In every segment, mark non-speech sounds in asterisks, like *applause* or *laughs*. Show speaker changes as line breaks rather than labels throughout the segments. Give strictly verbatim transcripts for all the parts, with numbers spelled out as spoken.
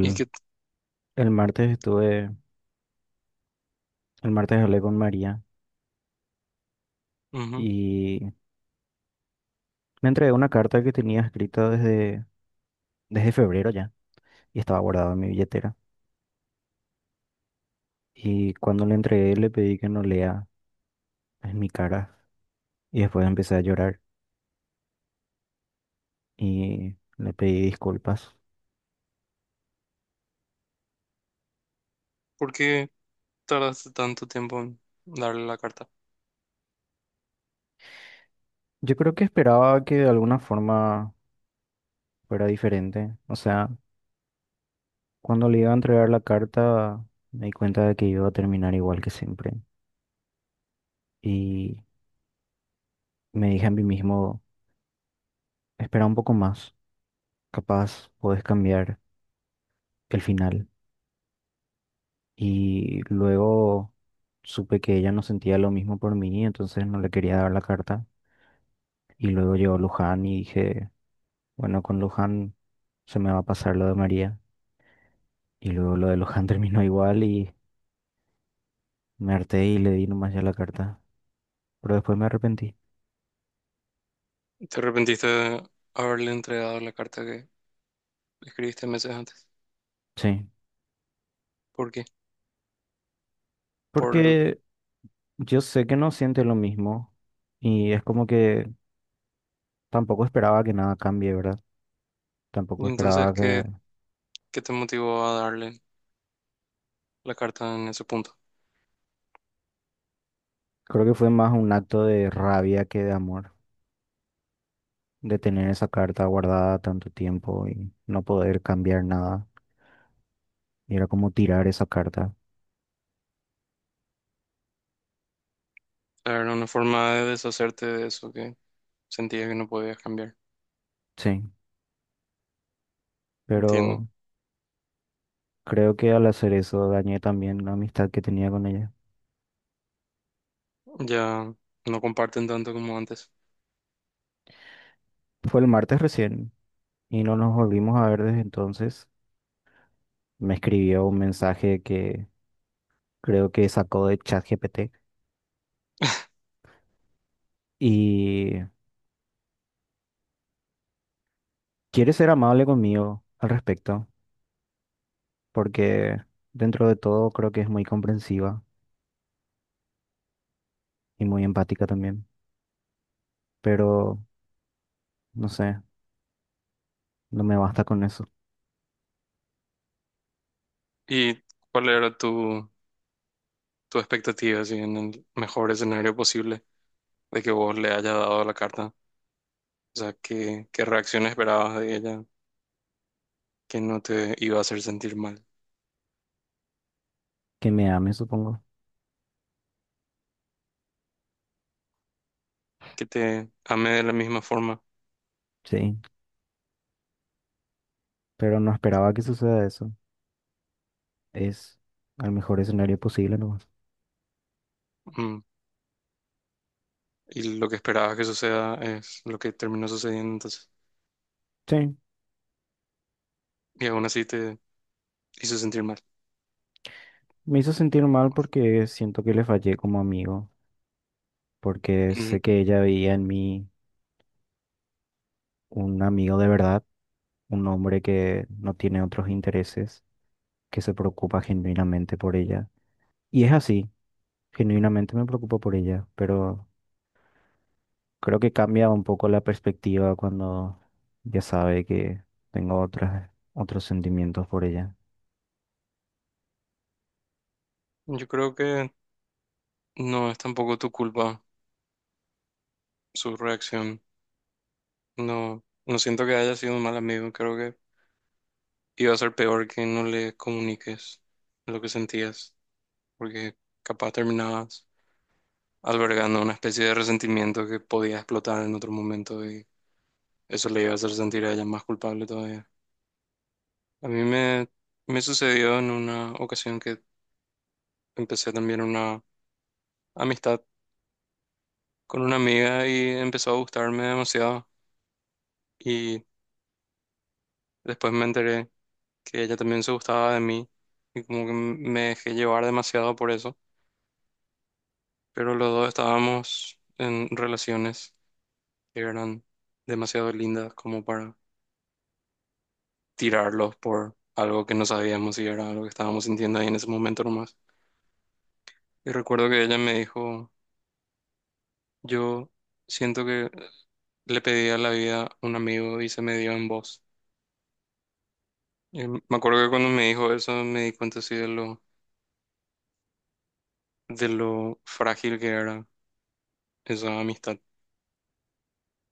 ¿Y qué?
el martes estuve, el martes hablé con María
Ujú.
y me entregó una carta que tenía escrita desde, desde febrero ya y estaba guardada en mi billetera. Y cuando le entregué le pedí que no lea en mi cara y después empecé a llorar y le pedí disculpas.
¿Por qué tardaste tanto tiempo en darle la carta?
Yo creo que esperaba que de alguna forma fuera diferente. O sea, cuando le iba a entregar la carta me di cuenta de que iba a terminar igual que siempre y me dije a mí mismo, espera un poco más. Capaz podés cambiar el final. Y luego supe que ella no sentía lo mismo por mí, entonces no le quería dar la carta. Y luego llegó Luján y dije, bueno, con Luján se me va a pasar lo de María. Y luego lo de Luján *laughs* terminó igual y me harté y le di nomás ya la carta. Pero después me arrepentí.
¿Te arrepentiste de haberle entregado la carta que escribiste meses antes?
Sí.
¿Por qué? Por el-
Porque yo sé que no siente lo mismo. Y es como que tampoco esperaba que nada cambie, ¿verdad? Tampoco
¿Y entonces
esperaba que
qué, qué te motivó a darle la carta en ese punto?
creo que fue más un acto de rabia que de amor, de tener esa carta guardada tanto tiempo y no poder cambiar nada. Y era como tirar esa carta.
Era una forma de deshacerte de eso que sentías que no podías cambiar.
Sí,
Entiendo.
pero creo que al hacer eso dañé también la amistad que tenía con ella.
Ya no comparten tanto como antes.
Fue el martes recién y no nos volvimos a ver desde entonces. Me escribió un mensaje que creo que sacó de ChatGPT
*laughs*
y quiere ser amable conmigo al respecto, porque dentro de todo creo que es muy comprensiva y muy empática también. Pero no sé, no me basta con eso.
¿Y cuál era tu, tu expectativa, así, en el mejor escenario posible de que vos le hayas dado la carta? O sea, ¿qué, qué reacción esperabas de ella que no te iba a hacer sentir mal?
Que me ame, supongo.
Que te ame de la misma forma.
Sí, pero no esperaba que suceda eso. Es al mejor escenario posible nomás.
Mm. Y lo que esperabas que suceda es lo que terminó sucediendo entonces.
Sí,
Y aún así te hizo sentir mal.
me hizo sentir mal porque siento que le fallé como amigo, porque sé
Mm.
que ella veía en mí un amigo de verdad, un hombre que no tiene otros intereses, que se preocupa genuinamente por ella. Y es así, genuinamente me preocupo por ella, pero creo que cambia un poco la perspectiva cuando ya sabe que tengo otras, otros sentimientos por ella.
Yo creo que no es tampoco tu culpa su reacción. No, no siento que haya sido un mal amigo. Creo que iba a ser peor que no le comuniques lo que sentías. Porque capaz terminabas albergando una especie de resentimiento que podía explotar en otro momento. Eso le iba a hacer sentir a ella más culpable todavía. A mí me, me sucedió en una ocasión que empecé también una amistad con una amiga y empezó a gustarme demasiado. Y después me enteré que ella también se gustaba de mí y como que me dejé llevar demasiado por eso. Pero los dos estábamos en relaciones que eran demasiado lindas como para tirarlos por algo que no sabíamos y era algo que estábamos sintiendo ahí en ese momento nomás. Y recuerdo que ella me dijo... Yo siento que le pedí a la vida a un amigo y se me dio en voz. Y me acuerdo que cuando me dijo eso me di cuenta así de lo, de lo frágil que era esa amistad,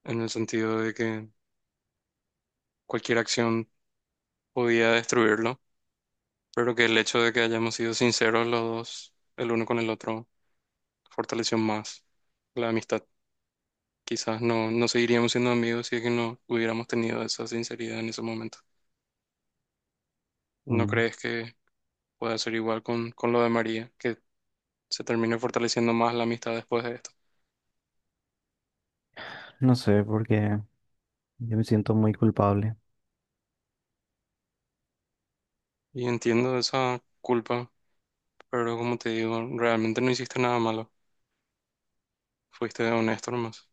en el sentido de que cualquier acción podía destruirlo, pero que el hecho de que hayamos sido sinceros los dos, el uno con el otro, fortaleció más la amistad. Quizás no, no seguiríamos siendo amigos si es que no hubiéramos tenido esa sinceridad en ese momento. ¿No
Mm.
crees que pueda ser igual con, con lo de María? Que se termine fortaleciendo más la amistad después de esto.
No sé, porque yo me siento muy culpable.
Y entiendo esa culpa, pero como te digo, realmente no hiciste nada malo. Fuiste honesto nomás.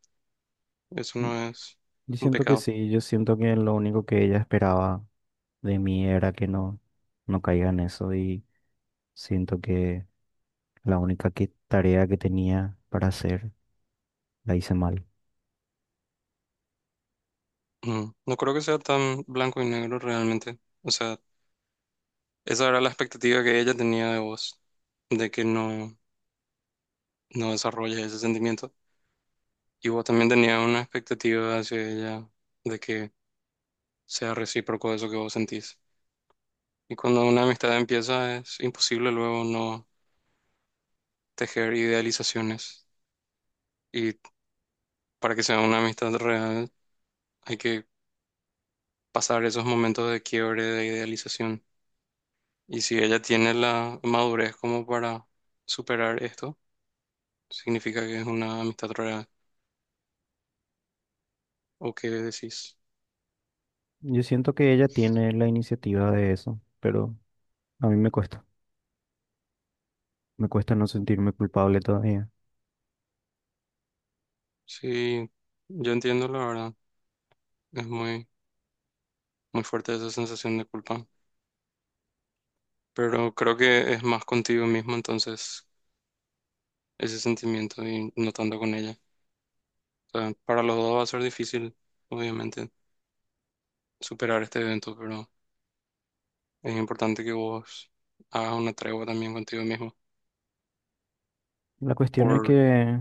Eso
Y-
no es
Yo
un
siento que
pecado.
sí, yo siento que lo único que ella esperaba de mí era que no, no caiga en eso y siento que la única que- tarea que tenía para hacer la hice mal.
Ujú. No creo que sea tan blanco y negro realmente. O sea, esa era la expectativa que ella tenía de vos, de que no, no desarrolles ese sentimiento. Y vos también tenías una expectativa hacia ella de que sea recíproco eso que vos sentís. Y cuando una amistad empieza es imposible luego no tejer idealizaciones. Y para que sea una amistad real, hay que pasar esos momentos de quiebre, de idealización. Y si ella tiene la madurez como para superar esto, significa que es una amistad real. ¿O qué decís?
Yo siento que ella tiene la iniciativa de eso, pero a mí me cuesta. Me cuesta no sentirme culpable todavía.
Sí, yo entiendo la verdad. Es muy, muy fuerte esa sensación de culpa. Pero creo que es más contigo mismo entonces ese sentimiento y no tanto con ella. O sea, para los dos va a ser difícil, obviamente, superar este evento, pero... Es importante que vos hagas una tregua también contigo mismo.
La cuestión es
Por,
que,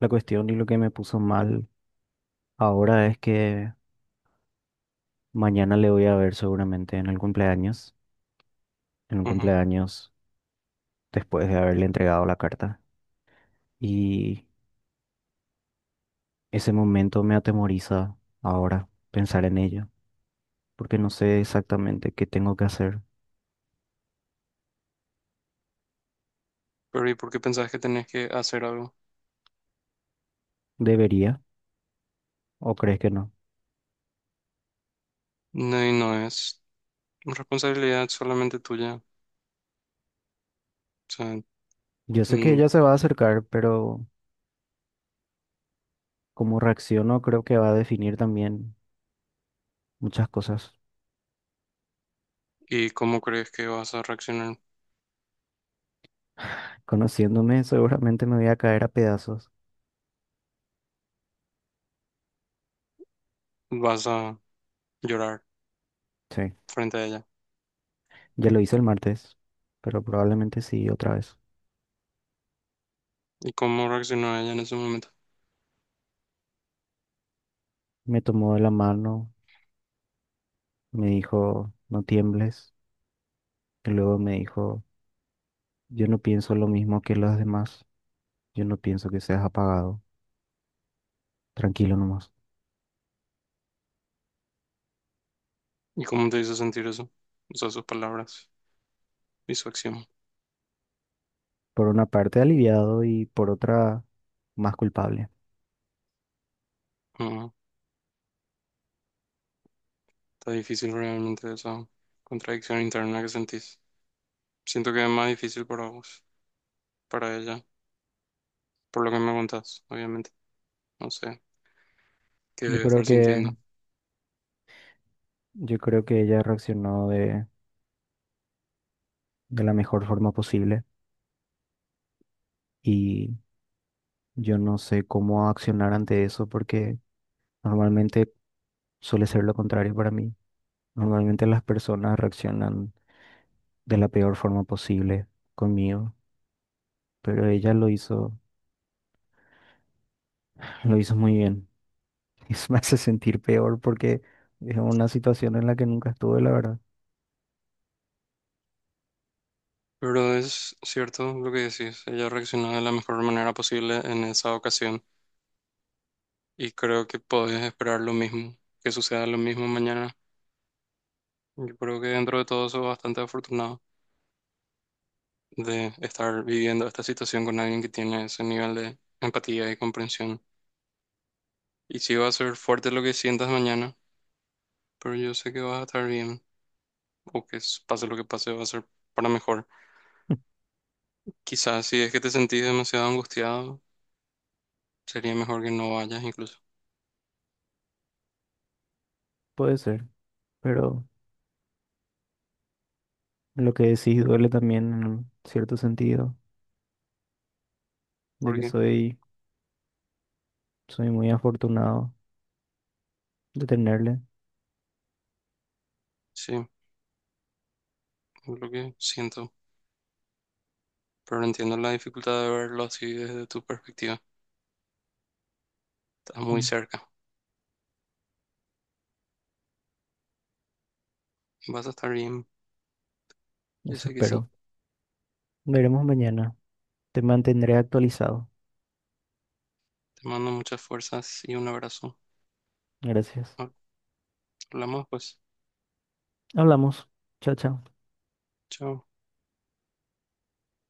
la cuestión y lo que me puso mal ahora es que mañana le voy a ver seguramente en el cumpleaños, en un
ujú.
cumpleaños después de haberle entregado la carta. Y ese momento me atemoriza ahora pensar en ello, porque no sé exactamente qué tengo que hacer.
Pero ¿y por qué pensás que tenés que hacer algo?
¿Debería o crees que no?
No, y no es responsabilidad solamente tuya. O sea,
Yo sé que
mm,
ella se va a acercar, pero cómo reacciono creo que va a definir también muchas cosas.
¿y cómo crees que vas a reaccionar?
Conociéndome, seguramente me voy a caer a pedazos.
¿Vas a llorar
Sí.
frente a ella?
Ya lo hice el martes, pero probablemente sí otra vez.
¿Y cómo reaccionó ella en ese momento?
Me tomó de la mano, me dijo, no tiembles, y luego me dijo, yo no pienso lo mismo que los demás, yo no pienso que seas apagado, tranquilo nomás.
¿Y cómo te hizo sentir eso? O sea, sus palabras y su acción.
Por una parte aliviado y por otra más culpable.
Ujú. Está difícil realmente esa contradicción interna que sentís. Siento que es más difícil para vos, para ella, por lo que me contás, obviamente. No sé qué
Yo
debe
creo
estar
que,
sintiendo.
yo creo que ella reaccionó de, de la mejor forma posible y yo no sé cómo accionar ante eso porque normalmente suele ser lo contrario para mí. Normalmente las personas reaccionan de la peor forma posible conmigo, pero ella lo hizo, *laughs* lo hizo muy bien. *laughs* Eso me hace sentir peor porque es una situación en la que nunca estuve, la verdad.
Pero es cierto lo que decís, ella reaccionó de la mejor manera posible en esa ocasión y creo que podés esperar lo mismo, que suceda lo mismo mañana. Yo creo que dentro de todo soy bastante afortunado de estar viviendo esta situación con alguien que tiene ese nivel de empatía y comprensión. Y sí va a ser fuerte lo que sientas mañana, pero yo sé que vas a estar bien o que s- pase lo que pase va a ser para mejor.
*laughs*
Quizás si es que te sentís demasiado angustiado, sería mejor que no vayas incluso.
Puede ser, pero lo que decís duele también en cierto sentido, de que
Porque
soy, soy muy afortunado de tenerle.
sí, es lo que siento. Pero no entiendo la dificultad de verlo así desde tu perspectiva. Estás muy
Mm.
cerca. Vas a estar bien. Yo
Eso
sé que sí.
espero. Veremos mañana. Te mantendré actualizado.
Te mando muchas fuerzas y un abrazo.
Gracias.
Hablamos pues.
Hablamos. Chao, chao.
Chao.